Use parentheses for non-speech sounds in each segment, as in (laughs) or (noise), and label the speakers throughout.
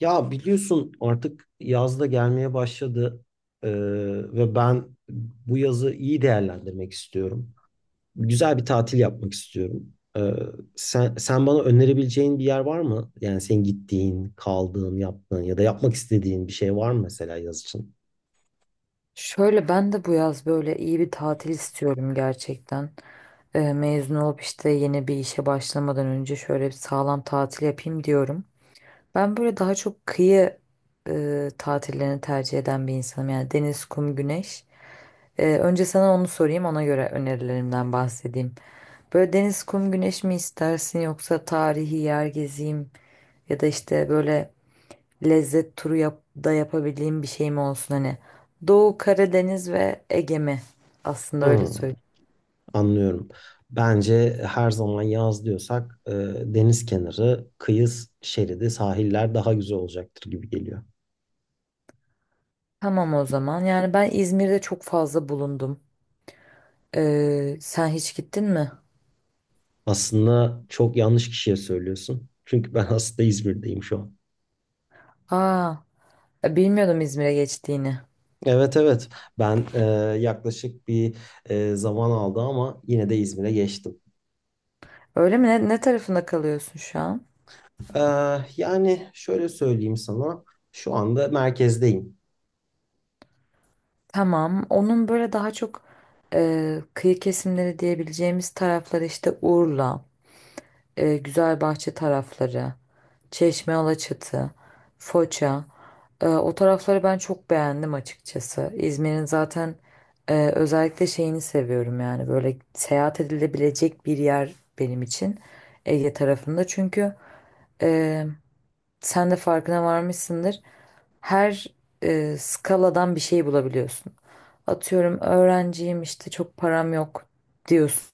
Speaker 1: Ya biliyorsun artık yaz da gelmeye başladı. Ee, Ve ben bu yazı iyi değerlendirmek istiyorum. Güzel bir tatil yapmak istiyorum. Sen bana önerebileceğin bir yer var mı? Yani senin gittiğin, kaldığın, yaptığın ya da yapmak istediğin bir şey var mı mesela yaz için?
Speaker 2: Şöyle ben de bu yaz böyle iyi bir tatil istiyorum gerçekten. Mezun olup işte yeni bir işe başlamadan önce şöyle bir sağlam tatil yapayım diyorum. Ben böyle daha çok kıyı tatillerini tercih eden bir insanım. Yani deniz, kum, güneş. Önce sana onu sorayım, ona göre önerilerimden bahsedeyim. Böyle deniz, kum, güneş mi istersin yoksa tarihi yer gezeyim ya da işte böyle lezzet turu yap da yapabildiğim bir şey mi olsun hani. Doğu Karadeniz ve Ege mi? Aslında öyle
Speaker 1: Hmm,
Speaker 2: söyleyeyim.
Speaker 1: anlıyorum. Bence her zaman yaz diyorsak deniz kenarı, kıyı şeridi, sahiller daha güzel olacaktır gibi geliyor.
Speaker 2: Tamam o zaman. Yani ben İzmir'de çok fazla bulundum. Sen hiç gittin mi?
Speaker 1: Aslında çok yanlış kişiye söylüyorsun. Çünkü ben (laughs) aslında İzmir'deyim şu an.
Speaker 2: Aa, bilmiyordum İzmir'e geçtiğini.
Speaker 1: Evet evet, ben yaklaşık bir zaman aldı ama yine de İzmir'e geçtim.
Speaker 2: Öyle mi? Ne tarafında kalıyorsun şu an?
Speaker 1: E, yani şöyle söyleyeyim sana, şu anda merkezdeyim.
Speaker 2: Tamam. Onun böyle daha çok kıyı kesimleri diyebileceğimiz tarafları işte Urla, Güzelbahçe tarafları. Çeşme, Alaçatı, Foça. O tarafları ben çok beğendim açıkçası. İzmir'in zaten özellikle şeyini seviyorum yani böyle seyahat edilebilecek bir yer benim için Ege tarafında. Çünkü e, sen de farkına varmışsındır. Her skaladan bir şey bulabiliyorsun. Atıyorum öğrenciyim işte çok param yok diyorsun.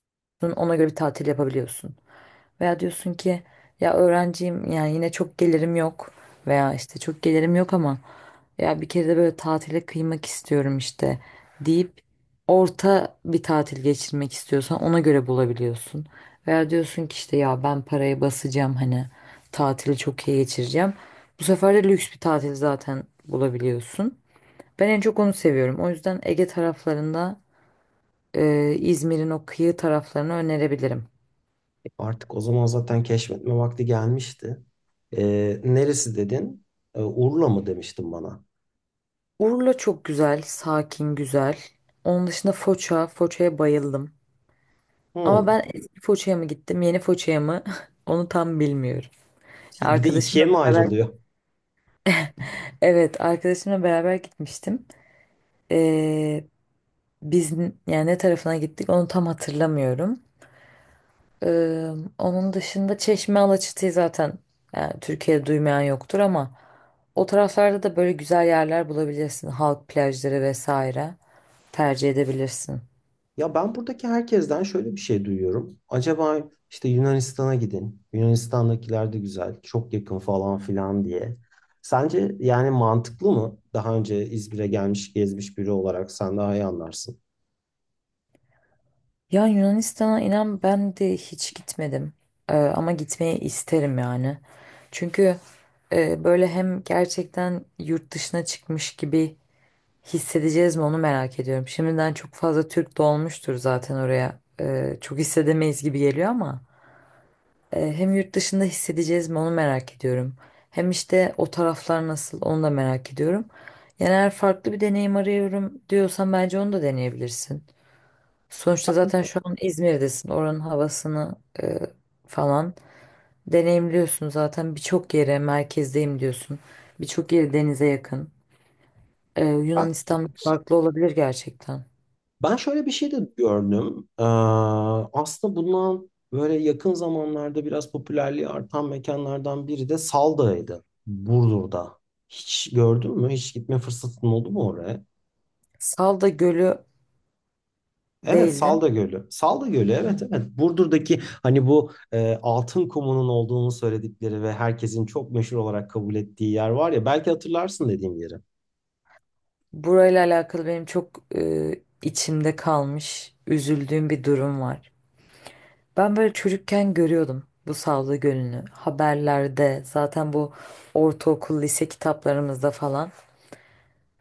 Speaker 2: Ona göre bir tatil yapabiliyorsun. Veya diyorsun ki ya öğrenciyim yani yine çok gelirim yok veya işte çok gelirim yok ama ya bir kere de böyle tatile kıymak istiyorum işte deyip orta bir tatil geçirmek istiyorsan ona göre bulabiliyorsun. Veya diyorsun ki işte ya ben parayı basacağım hani tatili çok iyi geçireceğim. Bu sefer de lüks bir tatil zaten bulabiliyorsun. Ben en çok onu seviyorum. O yüzden Ege taraflarında İzmir'in o kıyı taraflarını önerebilirim.
Speaker 1: Artık o zaman zaten keşfetme vakti gelmişti. E, neresi dedin? E, Urla mı demiştin bana?
Speaker 2: Urla çok güzel, sakin, güzel. Onun dışında Foça, Foça'ya bayıldım. Ama
Speaker 1: Hmm.
Speaker 2: ben eski Foça'ya mı gittim, yeni Foça'ya mı? (laughs) Onu tam bilmiyorum.
Speaker 1: Bir de
Speaker 2: Arkadaşımla
Speaker 1: ikiye mi
Speaker 2: beraber,
Speaker 1: ayrılıyor?
Speaker 2: evet, arkadaşımla beraber gitmiştim. Ee, Biz yani ne tarafına gittik onu tam hatırlamıyorum. Ee, Onun dışında Çeşme Alaçatı'yı zaten yani Türkiye'de duymayan yoktur ama o taraflarda da böyle güzel yerler bulabilirsin. Halk plajları vesaire tercih edebilirsin.
Speaker 1: Ya ben buradaki herkesten şöyle bir şey duyuyorum. Acaba işte Yunanistan'a gidin, Yunanistan'dakiler de güzel, çok yakın falan filan diye. Sence yani mantıklı mı? Daha önce İzmir'e gelmiş, gezmiş biri olarak sen daha iyi anlarsın.
Speaker 2: Ya Yunanistan'a inan ben de hiç gitmedim. Ama gitmeyi isterim yani. Çünkü böyle hem gerçekten yurt dışına çıkmış gibi hissedeceğiz mi onu merak ediyorum. Şimdiden çok fazla Türk dolmuştur zaten oraya. Çok hissedemeyiz gibi geliyor ama hem yurt dışında hissedeceğiz mi onu merak ediyorum. Hem işte o taraflar nasıl onu da merak ediyorum. Yani eğer farklı bir deneyim arıyorum diyorsan bence onu da deneyebilirsin. Sonuçta zaten şu an İzmir'desin. Oranın havasını e, falan deneyimliyorsun zaten. Birçok yere merkezdeyim diyorsun. Birçok yeri denize yakın.
Speaker 1: Ben
Speaker 2: Yunanistan farklı olabilir gerçekten.
Speaker 1: ben şöyle bir şey de gördüm. Aslında bundan böyle yakın zamanlarda biraz popülerliği artan mekanlardan biri de Salda'ydı, Burdur'da. Hiç gördün mü? Hiç gitme fırsatın oldu mu oraya?
Speaker 2: Salda Gölü
Speaker 1: Evet
Speaker 2: değildim.
Speaker 1: Salda Gölü. Salda Gölü, evet evet. Burdur'daki hani bu altın kumunun olduğunu söyledikleri ve herkesin çok meşhur olarak kabul ettiği yer var ya, belki hatırlarsın dediğim yeri.
Speaker 2: Burayla alakalı benim çok içimde kalmış, üzüldüğüm bir durum var. Ben böyle çocukken görüyordum bu Salda Gölü'nü. Haberlerde zaten bu ortaokul, lise kitaplarımızda falan.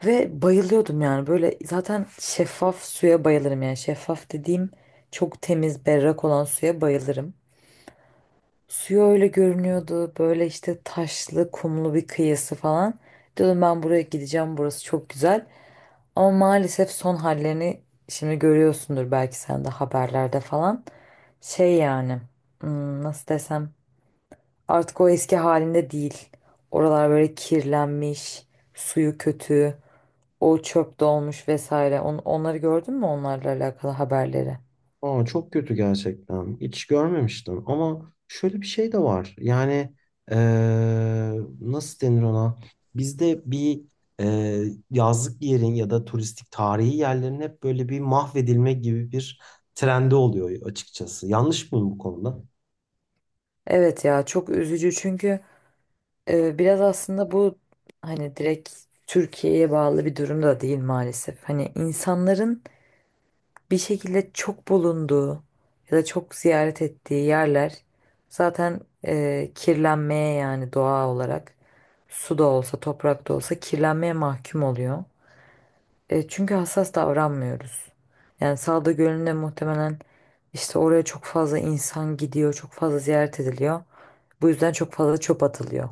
Speaker 2: Ve bayılıyordum yani böyle zaten şeffaf suya bayılırım yani şeffaf dediğim çok temiz berrak olan suya bayılırım. Suyu öyle görünüyordu böyle işte taşlı kumlu bir kıyısı falan. Dedim ben buraya gideceğim burası çok güzel. Ama maalesef son hallerini şimdi görüyorsundur belki sen de haberlerde falan. Şey yani nasıl desem artık o eski halinde değil. Oralar böyle kirlenmiş, suyu kötü. O çöp dolmuş vesaire. Onları gördün mü onlarla alakalı haberleri?
Speaker 1: Aa, çok kötü gerçekten. Hiç görmemiştim ama şöyle bir şey de var. Yani e, nasıl denir ona? Bizde bir e, yazlık yerin ya da turistik tarihi yerlerin hep böyle bir mahvedilme gibi bir trendi oluyor açıkçası. Yanlış mıyım bu konuda?
Speaker 2: Evet ya çok üzücü çünkü biraz aslında bu hani direkt Türkiye'ye bağlı bir durum da değil maalesef. Hani insanların bir şekilde çok bulunduğu ya da çok ziyaret ettiği yerler zaten kirlenmeye yani doğa olarak su da olsa toprak da olsa kirlenmeye mahkum oluyor. Çünkü hassas davranmıyoruz. Yani Salda Gölü'nde muhtemelen işte oraya çok fazla insan gidiyor, çok fazla ziyaret ediliyor. Bu yüzden çok fazla çöp atılıyor.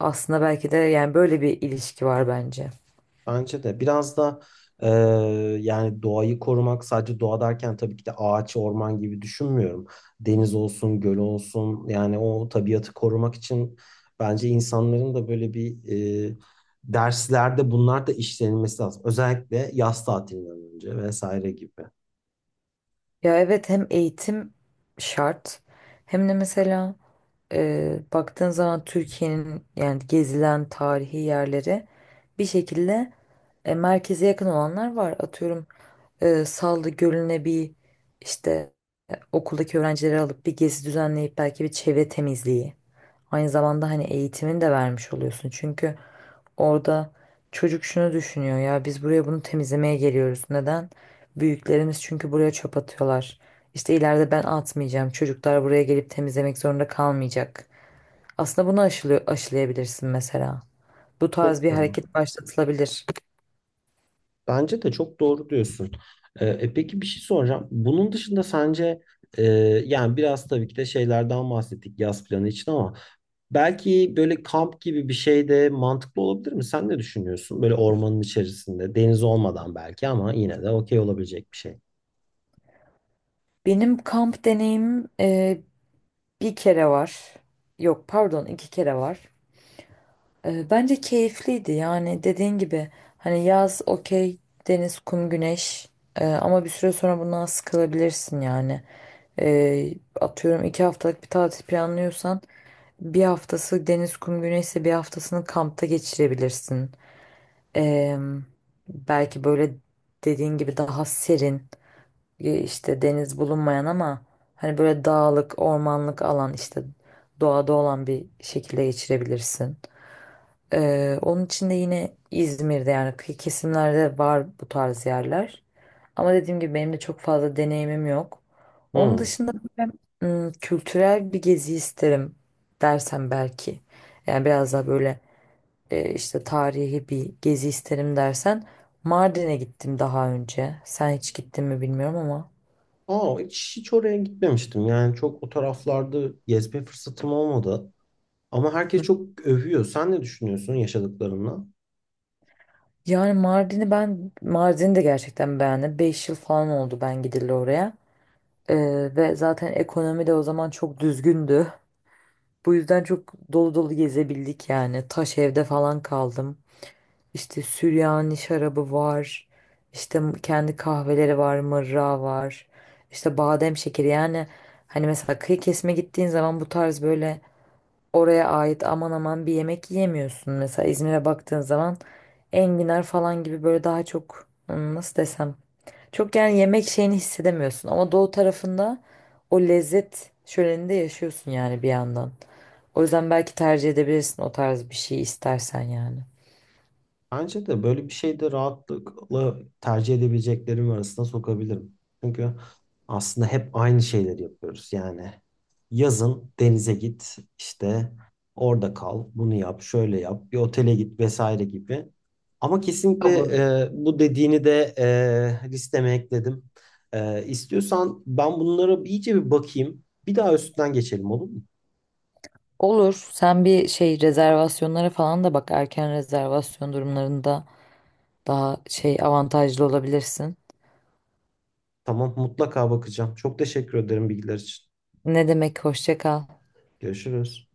Speaker 2: Aslında belki de yani böyle bir ilişki var bence.
Speaker 1: Bence de biraz da e, yani doğayı korumak, sadece doğa derken tabii ki de ağaç, orman gibi düşünmüyorum. Deniz olsun, göl olsun, yani o tabiatı korumak için bence insanların da böyle bir e, derslerde bunlar da işlenilmesi lazım. Özellikle yaz tatilinden önce vesaire gibi.
Speaker 2: Ya evet hem eğitim şart hem de mesela baktığın zaman Türkiye'nin yani gezilen tarihi yerleri bir şekilde merkeze yakın olanlar var. Atıyorum Sallı Gölü'ne bir işte okuldaki öğrencileri alıp bir gezi düzenleyip belki bir çevre temizliği. Aynı zamanda hani eğitimini de vermiş oluyorsun. Çünkü orada çocuk şunu düşünüyor ya biz buraya bunu temizlemeye geliyoruz. Neden? Büyüklerimiz çünkü buraya çöp atıyorlar. İşte ileride ben atmayacağım. Çocuklar buraya gelip temizlemek zorunda kalmayacak. Aslında bunu aşılayabilirsin mesela. Bu tarz
Speaker 1: Çok
Speaker 2: bir
Speaker 1: doğru.
Speaker 2: hareket başlatılabilir.
Speaker 1: Bence de çok doğru diyorsun. Peki bir şey soracağım. Bunun dışında sence e, yani biraz tabii ki de şeylerden bahsettik yaz planı için ama belki böyle kamp gibi bir şey de mantıklı olabilir mi? Sen ne düşünüyorsun? Böyle ormanın içerisinde, deniz olmadan belki ama yine de okey olabilecek bir şey.
Speaker 2: Benim kamp deneyimim bir kere var. Yok pardon 2 kere var. Bence keyifliydi yani dediğin gibi hani yaz okey deniz kum güneş. Ama bir süre sonra bundan sıkılabilirsin yani. Ee, Atıyorum 2 haftalık bir tatil planlıyorsan bir haftası deniz kum güneşse bir haftasını kampta geçirebilirsin. Ee, Belki böyle dediğin gibi daha serin işte deniz bulunmayan ama hani böyle dağlık, ormanlık alan işte doğada olan bir şekilde geçirebilirsin. Onun için de yine İzmir'de yani kıyı kesimlerde var bu tarz yerler. Ama dediğim gibi benim de çok fazla deneyimim yok. Onun
Speaker 1: Hmm.
Speaker 2: dışında kültürel bir gezi isterim dersen belki. Yani biraz daha böyle işte tarihi bir gezi isterim dersen Mardin'e gittim daha önce. Sen hiç gittin mi bilmiyorum ama.
Speaker 1: Aa, hiç oraya gitmemiştim. Yani çok o taraflarda gezme fırsatım olmadı. Ama herkes çok övüyor. Sen ne düşünüyorsun yaşadıklarından?
Speaker 2: Yani Mardin'i ben Mardin'i de gerçekten beğendim. 5 yıl falan oldu ben gidildi oraya. Ee, Ve zaten ekonomi de o zaman çok düzgündü. Bu yüzden çok dolu dolu gezebildik yani. Taş evde falan kaldım. İşte Süryani şarabı var. İşte kendi kahveleri var, mırra var. İşte badem şekeri yani hani mesela kıyı kesme gittiğin zaman bu tarz böyle oraya ait aman aman bir yemek yiyemiyorsun. Mesela İzmir'e baktığın zaman enginar falan gibi böyle daha çok nasıl desem çok yani yemek şeyini hissedemiyorsun ama doğu tarafında o lezzet şöleninde yaşıyorsun yani bir yandan. O yüzden belki tercih edebilirsin o tarz bir şey istersen yani.
Speaker 1: Bence de böyle bir şey de rahatlıkla tercih edebileceklerim arasına sokabilirim. Çünkü aslında hep aynı şeyleri yapıyoruz. Yani yazın denize git, işte orada kal, bunu yap, şöyle yap, bir otele git vesaire gibi. Ama kesinlikle
Speaker 2: Olur.
Speaker 1: bu dediğini de listeme ekledim. E, istiyorsan ben bunlara bir- iyice bir bakayım. Bir daha üstünden geçelim, olur mu?
Speaker 2: Olur. Sen bir şey rezervasyonlara falan da bak. Erken rezervasyon durumlarında daha şey avantajlı olabilirsin.
Speaker 1: Tamam, mutlaka bakacağım. Çok teşekkür ederim bilgiler için.
Speaker 2: Ne demek hoşça kal.
Speaker 1: Görüşürüz.